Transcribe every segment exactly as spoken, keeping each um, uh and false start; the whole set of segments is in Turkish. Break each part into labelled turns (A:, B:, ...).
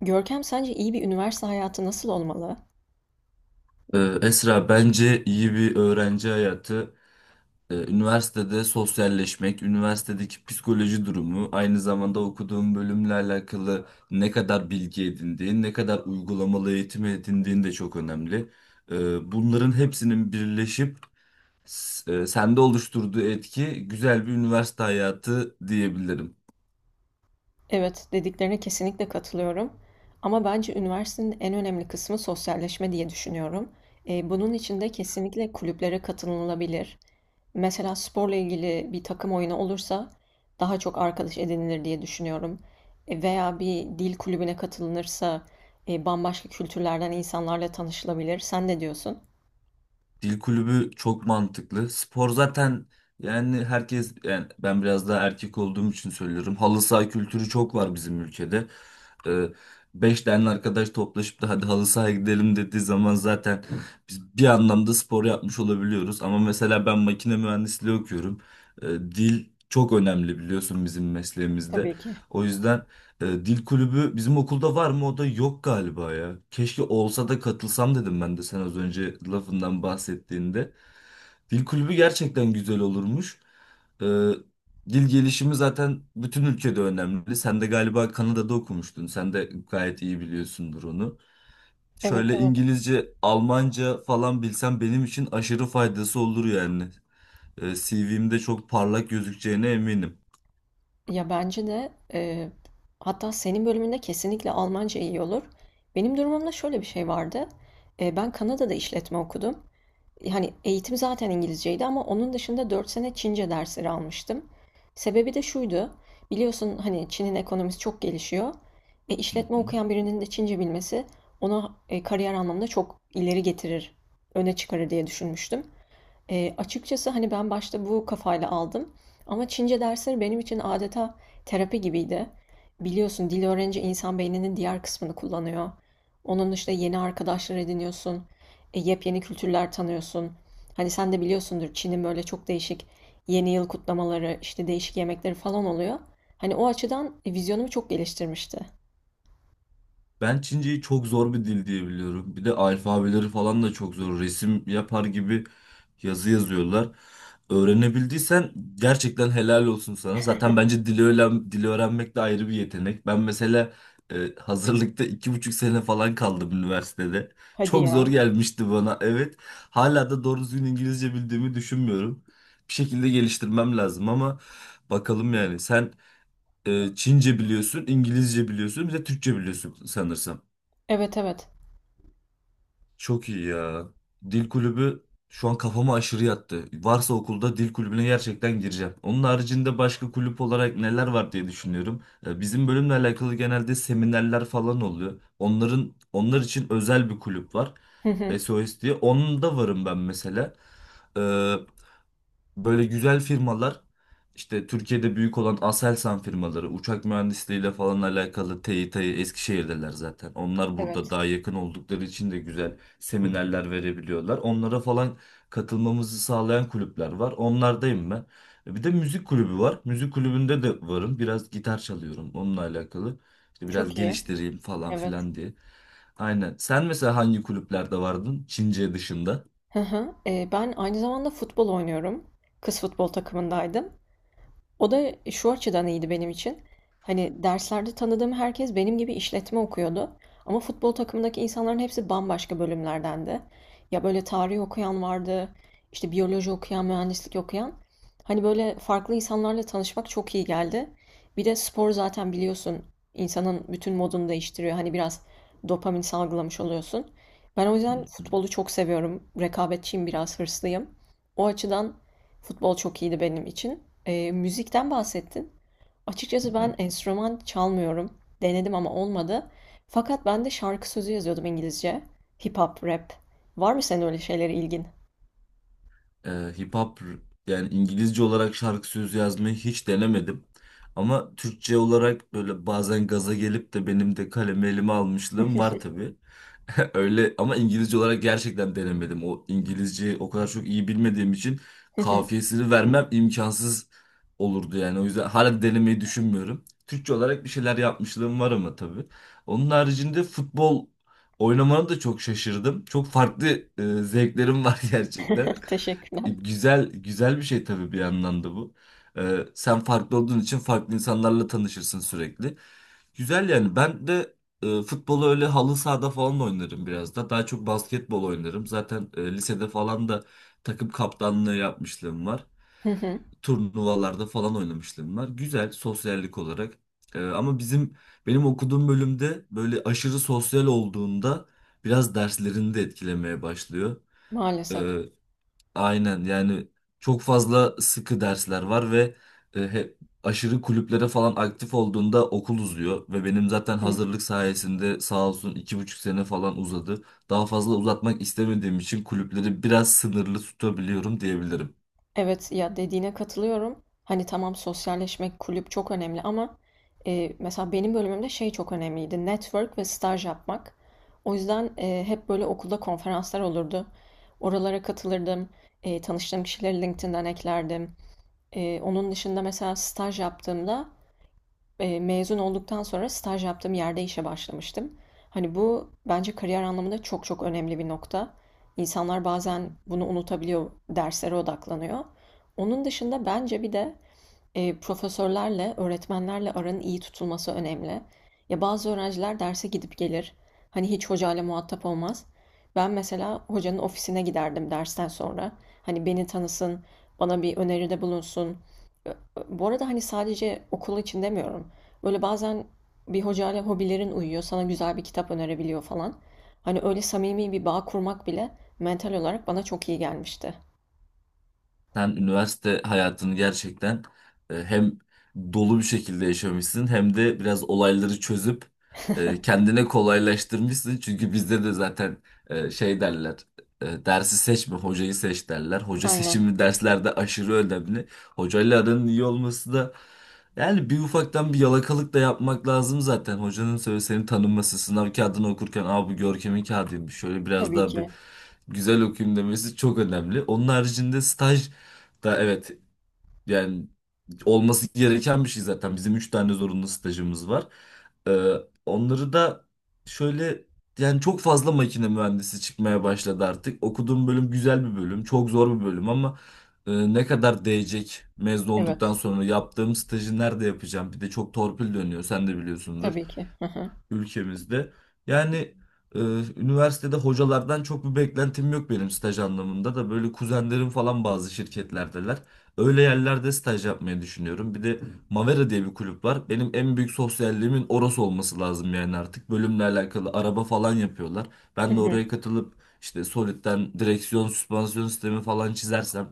A: Görkem, sence iyi bir üniversite hayatı nasıl olmalı?
B: Ee, Esra bence iyi bir öğrenci hayatı, e, üniversitede sosyalleşmek, üniversitedeki psikoloji durumu, aynı zamanda okuduğun bölümle alakalı ne kadar bilgi edindiğin, ne kadar uygulamalı eğitim edindiğin de çok önemli. Ee, bunların hepsinin birleşip s- e, sende oluşturduğu etki güzel bir üniversite hayatı diyebilirim.
A: Evet, dediklerine kesinlikle katılıyorum. Ama bence üniversitenin en önemli kısmı sosyalleşme diye düşünüyorum. E, bunun için de kesinlikle kulüplere katılınabilir. Mesela sporla ilgili bir takım oyunu olursa daha çok arkadaş edinilir diye düşünüyorum. E, Veya bir dil kulübüne katılınırsa e, bambaşka kültürlerden insanlarla tanışılabilir. Sen ne diyorsun?
B: Dil kulübü çok mantıklı. Spor zaten yani herkes yani ben biraz daha erkek olduğum için söylüyorum. Halı saha kültürü çok var bizim ülkede. Ee, Beş tane arkadaş toplaşıp da hadi halı sahaya gidelim dediği zaman zaten biz bir anlamda spor yapmış olabiliyoruz. Ama mesela ben makine mühendisliği okuyorum. Ee, dil çok önemli biliyorsun bizim mesleğimizde.
A: Tabii ki.
B: O yüzden e, dil kulübü bizim okulda var mı? O da yok galiba ya. Keşke olsa da katılsam dedim ben de sen az önce lafından bahsettiğinde. Dil kulübü gerçekten güzel olurmuş. E, Dil gelişimi zaten bütün ülkede önemli. Sen de galiba Kanada'da okumuştun. Sen de gayet iyi biliyorsundur onu.
A: Evet,
B: Şöyle
A: evet.
B: İngilizce, Almanca falan bilsem benim için aşırı faydası olur yani. E, C V'mde çok parlak gözükeceğine eminim.
A: Ya, bence de e, hatta senin bölümünde kesinlikle Almanca iyi olur. Benim durumumda şöyle bir şey vardı. E, ben Kanada'da işletme okudum. Hani eğitim zaten İngilizceydi ama onun dışında dört sene Çince dersleri almıştım. Sebebi de şuydu. Biliyorsun, hani Çin'in ekonomisi çok gelişiyor. E,
B: Hı
A: işletme
B: hı.
A: okuyan birinin de Çince bilmesi onu e, kariyer anlamında çok ileri getirir, öne çıkarır diye düşünmüştüm. Eee, açıkçası, hani, ben başta bu kafayla aldım ama Çince dersleri benim için adeta terapi gibiydi. Biliyorsun, dil öğrenince insan beyninin diğer kısmını kullanıyor. Onun dışında yeni arkadaşlar ediniyorsun, e, yepyeni kültürler tanıyorsun. Hani, sen de biliyorsundur, Çin'in böyle çok değişik yeni yıl kutlamaları, işte, değişik yemekleri falan oluyor. Hani, o açıdan, e, vizyonumu çok geliştirmişti.
B: Ben Çince'yi çok zor bir dil diye biliyorum. Bir de alfabeleri falan da çok zor. Resim yapar gibi yazı yazıyorlar. Öğrenebildiysen gerçekten helal olsun sana. Zaten bence dili öğren, dili öğrenmek de ayrı bir yetenek. Ben mesela e, hazırlıkta iki buçuk sene falan kaldım üniversitede.
A: Hadi
B: Çok zor
A: ya.
B: gelmişti bana. Evet. Hala da doğru düzgün İngilizce bildiğimi düşünmüyorum. Bir şekilde geliştirmem lazım ama bakalım yani. Sen e, Çince biliyorsun, İngilizce biliyorsun, bir de Türkçe biliyorsun sanırsam.
A: Evet, evet.
B: Çok iyi ya. Dil kulübü şu an kafama aşırı yattı. Varsa okulda dil kulübüne gerçekten gireceğim. Onun haricinde başka kulüp olarak neler var diye düşünüyorum. Ee, Bizim bölümle alakalı genelde seminerler falan oluyor. Onların onlar için özel bir kulüp var.
A: Hı hı.
B: S O S diye. Onun da varım ben mesela. Ee, Böyle güzel firmalar işte Türkiye'de büyük olan Aselsan firmaları uçak mühendisliğiyle falan alakalı TİTA'yı Eskişehir'deler zaten. Onlar burada
A: Evet.
B: daha yakın oldukları için de güzel seminerler verebiliyorlar. Onlara falan katılmamızı sağlayan kulüpler var. Onlardayım ben. Bir de müzik kulübü var. Müzik kulübünde de varım. Biraz gitar çalıyorum onunla alakalı. İşte biraz
A: Çok iyi.
B: geliştireyim falan
A: Evet.
B: filan diye. Aynen. Sen mesela hangi kulüplerde vardın? Çince dışında.
A: Hı hı. Eee, ben aynı zamanda futbol oynuyorum. Kız futbol takımındaydım. O da şu açıdan iyiydi benim için. Hani derslerde tanıdığım herkes benim gibi işletme okuyordu. Ama futbol takımındaki insanların hepsi bambaşka bölümlerdendi. Ya, böyle tarih okuyan vardı, işte biyoloji okuyan, mühendislik okuyan. Hani böyle farklı insanlarla tanışmak çok iyi geldi. Bir de spor zaten biliyorsun insanın bütün modunu değiştiriyor. Hani biraz dopamin salgılamış oluyorsun. Ben o
B: Hı
A: yüzden futbolu çok seviyorum. Rekabetçiyim, biraz hırslıyım. O açıdan futbol çok iyiydi benim için. Eee, müzikten bahsettin. Açıkçası
B: hı.
A: ben enstrüman çalmıyorum. Denedim ama olmadı. Fakat ben de şarkı sözü yazıyordum, İngilizce. Hip hop, rap. Var mı senin öyle şeylere ilgin?
B: e, Hip hop yani İngilizce olarak şarkı sözü yazmayı hiç denemedim. Ama Türkçe olarak böyle bazen gaza gelip de benim de kalemi elime almışlığım var tabii. Öyle ama İngilizce olarak gerçekten denemedim. O İngilizceyi o kadar çok iyi bilmediğim için kafiyesini vermem imkansız olurdu yani. O yüzden hala denemeyi düşünmüyorum. Türkçe olarak bir şeyler yapmışlığım var ama tabii. Onun haricinde futbol oynamana da çok şaşırdım. Çok farklı e, zevklerim var gerçekten. E,
A: Teşekkürler.
B: Güzel güzel bir şey tabii bir yandan da bu. Ee, sen farklı olduğun için farklı insanlarla tanışırsın sürekli. Güzel yani ben de e, futbolu öyle halı sahada falan da oynarım biraz da. Daha çok basketbol oynarım. Zaten e, lisede falan da takım kaptanlığı yapmışlığım var. Turnuvalarda falan oynamışlığım var. Güzel sosyallik olarak. E, ama bizim benim okuduğum bölümde böyle aşırı sosyal olduğunda biraz derslerini de etkilemeye başlıyor.
A: Maalesef.
B: E, Aynen yani çok fazla sıkı dersler var ve e, he- aşırı kulüplere falan aktif olduğunda okul uzuyor ve benim zaten hazırlık sayesinde sağ olsun iki buçuk sene falan uzadı. Daha fazla uzatmak istemediğim için kulüpleri biraz sınırlı tutabiliyorum diyebilirim.
A: Evet ya, dediğine katılıyorum. Hani tamam, sosyalleşmek, kulüp çok önemli ama e, mesela benim bölümümde şey çok önemliydi: network ve staj yapmak. O yüzden e, hep böyle okulda konferanslar olurdu. Oralara katılırdım. E, tanıştığım kişileri LinkedIn'den eklerdim. E, onun dışında mesela staj yaptığımda, Eee, mezun olduktan sonra staj yaptığım yerde işe başlamıştım. Hani bu bence kariyer anlamında çok çok önemli bir nokta. İnsanlar bazen bunu unutabiliyor, derslere odaklanıyor. Onun dışında bence bir de eee, profesörlerle, öğretmenlerle aranın iyi tutulması önemli. Ya, bazı öğrenciler derse gidip gelir. Hani hiç hocayla muhatap olmaz. Ben mesela hocanın ofisine giderdim dersten sonra. Hani beni tanısın, bana bir öneride bulunsun. Bu arada hani sadece okul için demiyorum. Böyle bazen bir hocayla hobilerin uyuyor, sana güzel bir kitap önerebiliyor falan. Hani öyle samimi bir bağ kurmak bile mental olarak bana çok iyi gelmişti.
B: Sen üniversite hayatını gerçekten e, hem dolu bir şekilde yaşamışsın hem de biraz olayları çözüp e, kendine kolaylaştırmışsın. Çünkü bizde de zaten e, şey derler, e, dersi seçme, hocayı seç derler. Hoca
A: Aynen.
B: seçimi derslerde aşırı önemli. Hocayla aranın iyi olması da yani bir ufaktan bir yalakalık da yapmak lazım zaten. Hocanın söyle seni tanınması, sınav kağıdını okurken aa, bu Görkem'in kağıdıymış. Şöyle biraz
A: Tabii
B: daha
A: ki.
B: bir güzel okuyayım demesi çok önemli. Onun haricinde staj da evet yani olması gereken bir şey zaten. Bizim üç tane zorunlu stajımız var. Ee, Onları da şöyle yani çok fazla makine mühendisi çıkmaya başladı artık. Okuduğum bölüm güzel bir bölüm, çok zor bir bölüm ama e, ne kadar değecek mezun olduktan
A: Evet.
B: sonra yaptığım stajı nerede yapacağım? Bir de çok torpil dönüyor, sen de biliyorsundur
A: Tabii ki. Hı hı.
B: ülkemizde. Yani e, üniversitede hocalardan çok bir beklentim yok benim staj anlamında da böyle kuzenlerim falan bazı şirketlerdeler. Öyle yerlerde staj yapmayı düşünüyorum. Bir de Mavera diye bir kulüp var. Benim en büyük sosyalliğimin orası olması lazım yani artık. Bölümle alakalı araba falan yapıyorlar.
A: Hı
B: Ben de
A: hı.
B: oraya katılıp işte Solid'den direksiyon, süspansiyon sistemi falan çizersem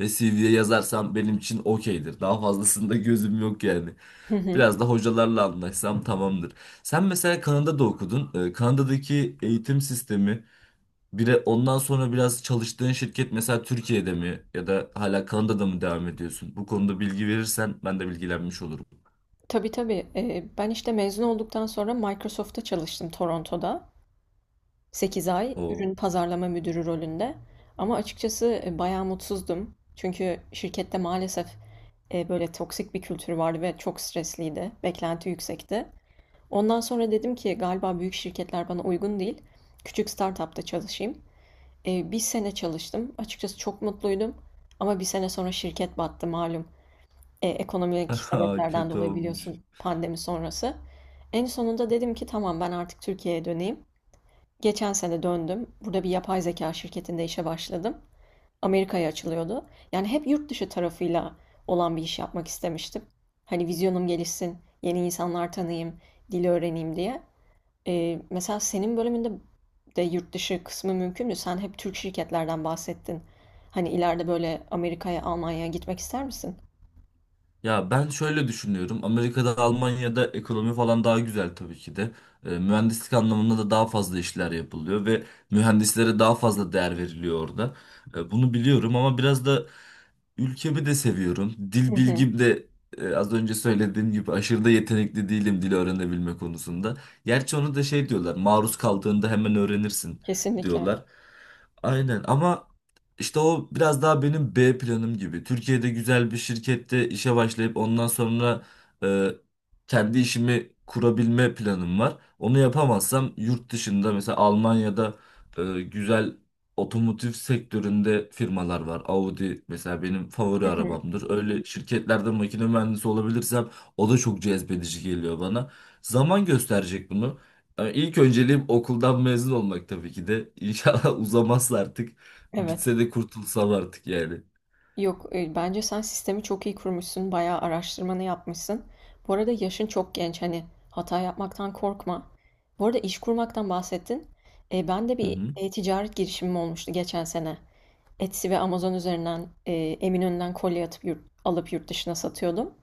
B: ve C V'ye yazarsam benim için okeydir. Daha fazlasında gözüm yok yani.
A: Hı hı.
B: Biraz da hocalarla anlaşsam tamamdır. Sen mesela Kanada'da okudun. Ee, Kanada'daki eğitim sistemi bir de ondan sonra biraz çalıştığın şirket mesela Türkiye'de mi ya da hala Kanada'da mı devam ediyorsun? Bu konuda bilgi verirsen ben de bilgilenmiş olurum.
A: Tabii, tabii. Ee, ben işte mezun olduktan sonra Microsoft'ta çalıştım Toronto'da, sekiz ay
B: Oo.
A: ürün pazarlama müdürü rolünde. Ama açıkçası e, bayağı mutsuzdum. Çünkü şirkette maalesef e, böyle toksik bir kültür vardı ve çok stresliydi. Beklenti yüksekti. Ondan sonra dedim ki galiba büyük şirketler bana uygun değil. Küçük startupta çalışayım. E, bir sene çalıştım. Açıkçası çok mutluydum. Ama bir sene sonra şirket battı malum. E, ekonomik sebeplerden
B: Kötü
A: dolayı,
B: olmuş.
A: biliyorsun, pandemi sonrası. En sonunda dedim ki tamam, ben artık Türkiye'ye döneyim. Geçen sene döndüm. Burada bir yapay zeka şirketinde işe başladım. Amerika'ya açılıyordu. Yani hep yurt dışı tarafıyla olan bir iş yapmak istemiştim. Hani vizyonum gelişsin, yeni insanlar tanıyayım, dili öğreneyim diye. Ee, mesela senin bölümünde de yurt dışı kısmı mümkün mü? Sen hep Türk şirketlerden bahsettin. Hani ileride böyle Amerika'ya, Almanya'ya gitmek ister misin?
B: Ya ben şöyle düşünüyorum. Amerika'da, Almanya'da ekonomi falan daha güzel tabii ki de. E, mühendislik anlamında da daha fazla işler yapılıyor ve mühendislere daha fazla değer veriliyor orada. E, bunu biliyorum ama biraz da ülkemi de seviyorum. Dil
A: Hı hı.
B: bilgim de e, az önce söylediğim gibi aşırı da yetenekli değilim dil öğrenebilme konusunda. Gerçi onu da şey diyorlar, maruz kaldığında hemen öğrenirsin
A: Kesinlikle.
B: diyorlar. Aynen ama işte o biraz daha benim B planım gibi. Türkiye'de güzel bir şirkette işe başlayıp ondan sonra e, kendi işimi kurabilme planım var. Onu yapamazsam yurt dışında mesela Almanya'da e, güzel otomotiv sektöründe firmalar var. Audi mesela benim favori
A: Hı hı.
B: arabamdır. Öyle şirketlerde makine mühendisi olabilirsem o da çok cezbedici geliyor bana. Zaman gösterecek bunu. Yani İlk önceliğim okuldan mezun olmak tabii ki de. İnşallah uzamazsa artık.
A: Evet.
B: Bitse de kurtulsam artık yani.
A: Yok, eee, bence sen sistemi çok iyi kurmuşsun, bayağı araştırmanı yapmışsın. Bu arada yaşın çok genç, hani hata yapmaktan korkma. Bu arada iş kurmaktan bahsettin. E, ben de
B: Hı
A: bir
B: hı.
A: e-ticaret girişimim olmuştu geçen sene. Etsy ve Amazon üzerinden e, Eminönü'nden kolye atıp yurt, alıp yurt dışına satıyordum.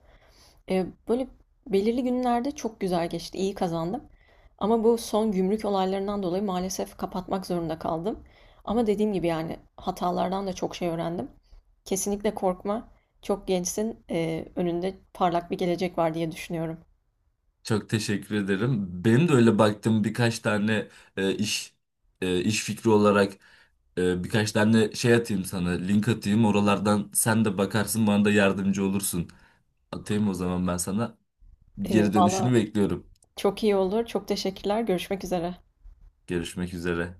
A: E, böyle belirli günlerde çok güzel geçti, iyi kazandım. Ama bu son gümrük olaylarından dolayı maalesef kapatmak zorunda kaldım. Ama dediğim gibi yani, hatalardan da çok şey öğrendim. Kesinlikle korkma. Çok gençsin. E, önünde parlak bir gelecek var diye düşünüyorum.
B: Çok teşekkür ederim. Benim de öyle baktığım birkaç tane e, iş e, iş fikri olarak e, birkaç tane şey atayım sana, link atayım. Oralardan sen de bakarsın, bana da yardımcı olursun. Atayım o zaman ben sana.
A: E,
B: Geri dönüşünü
A: valla
B: bekliyorum.
A: çok iyi olur. Çok teşekkürler. Görüşmek üzere.
B: Görüşmek üzere.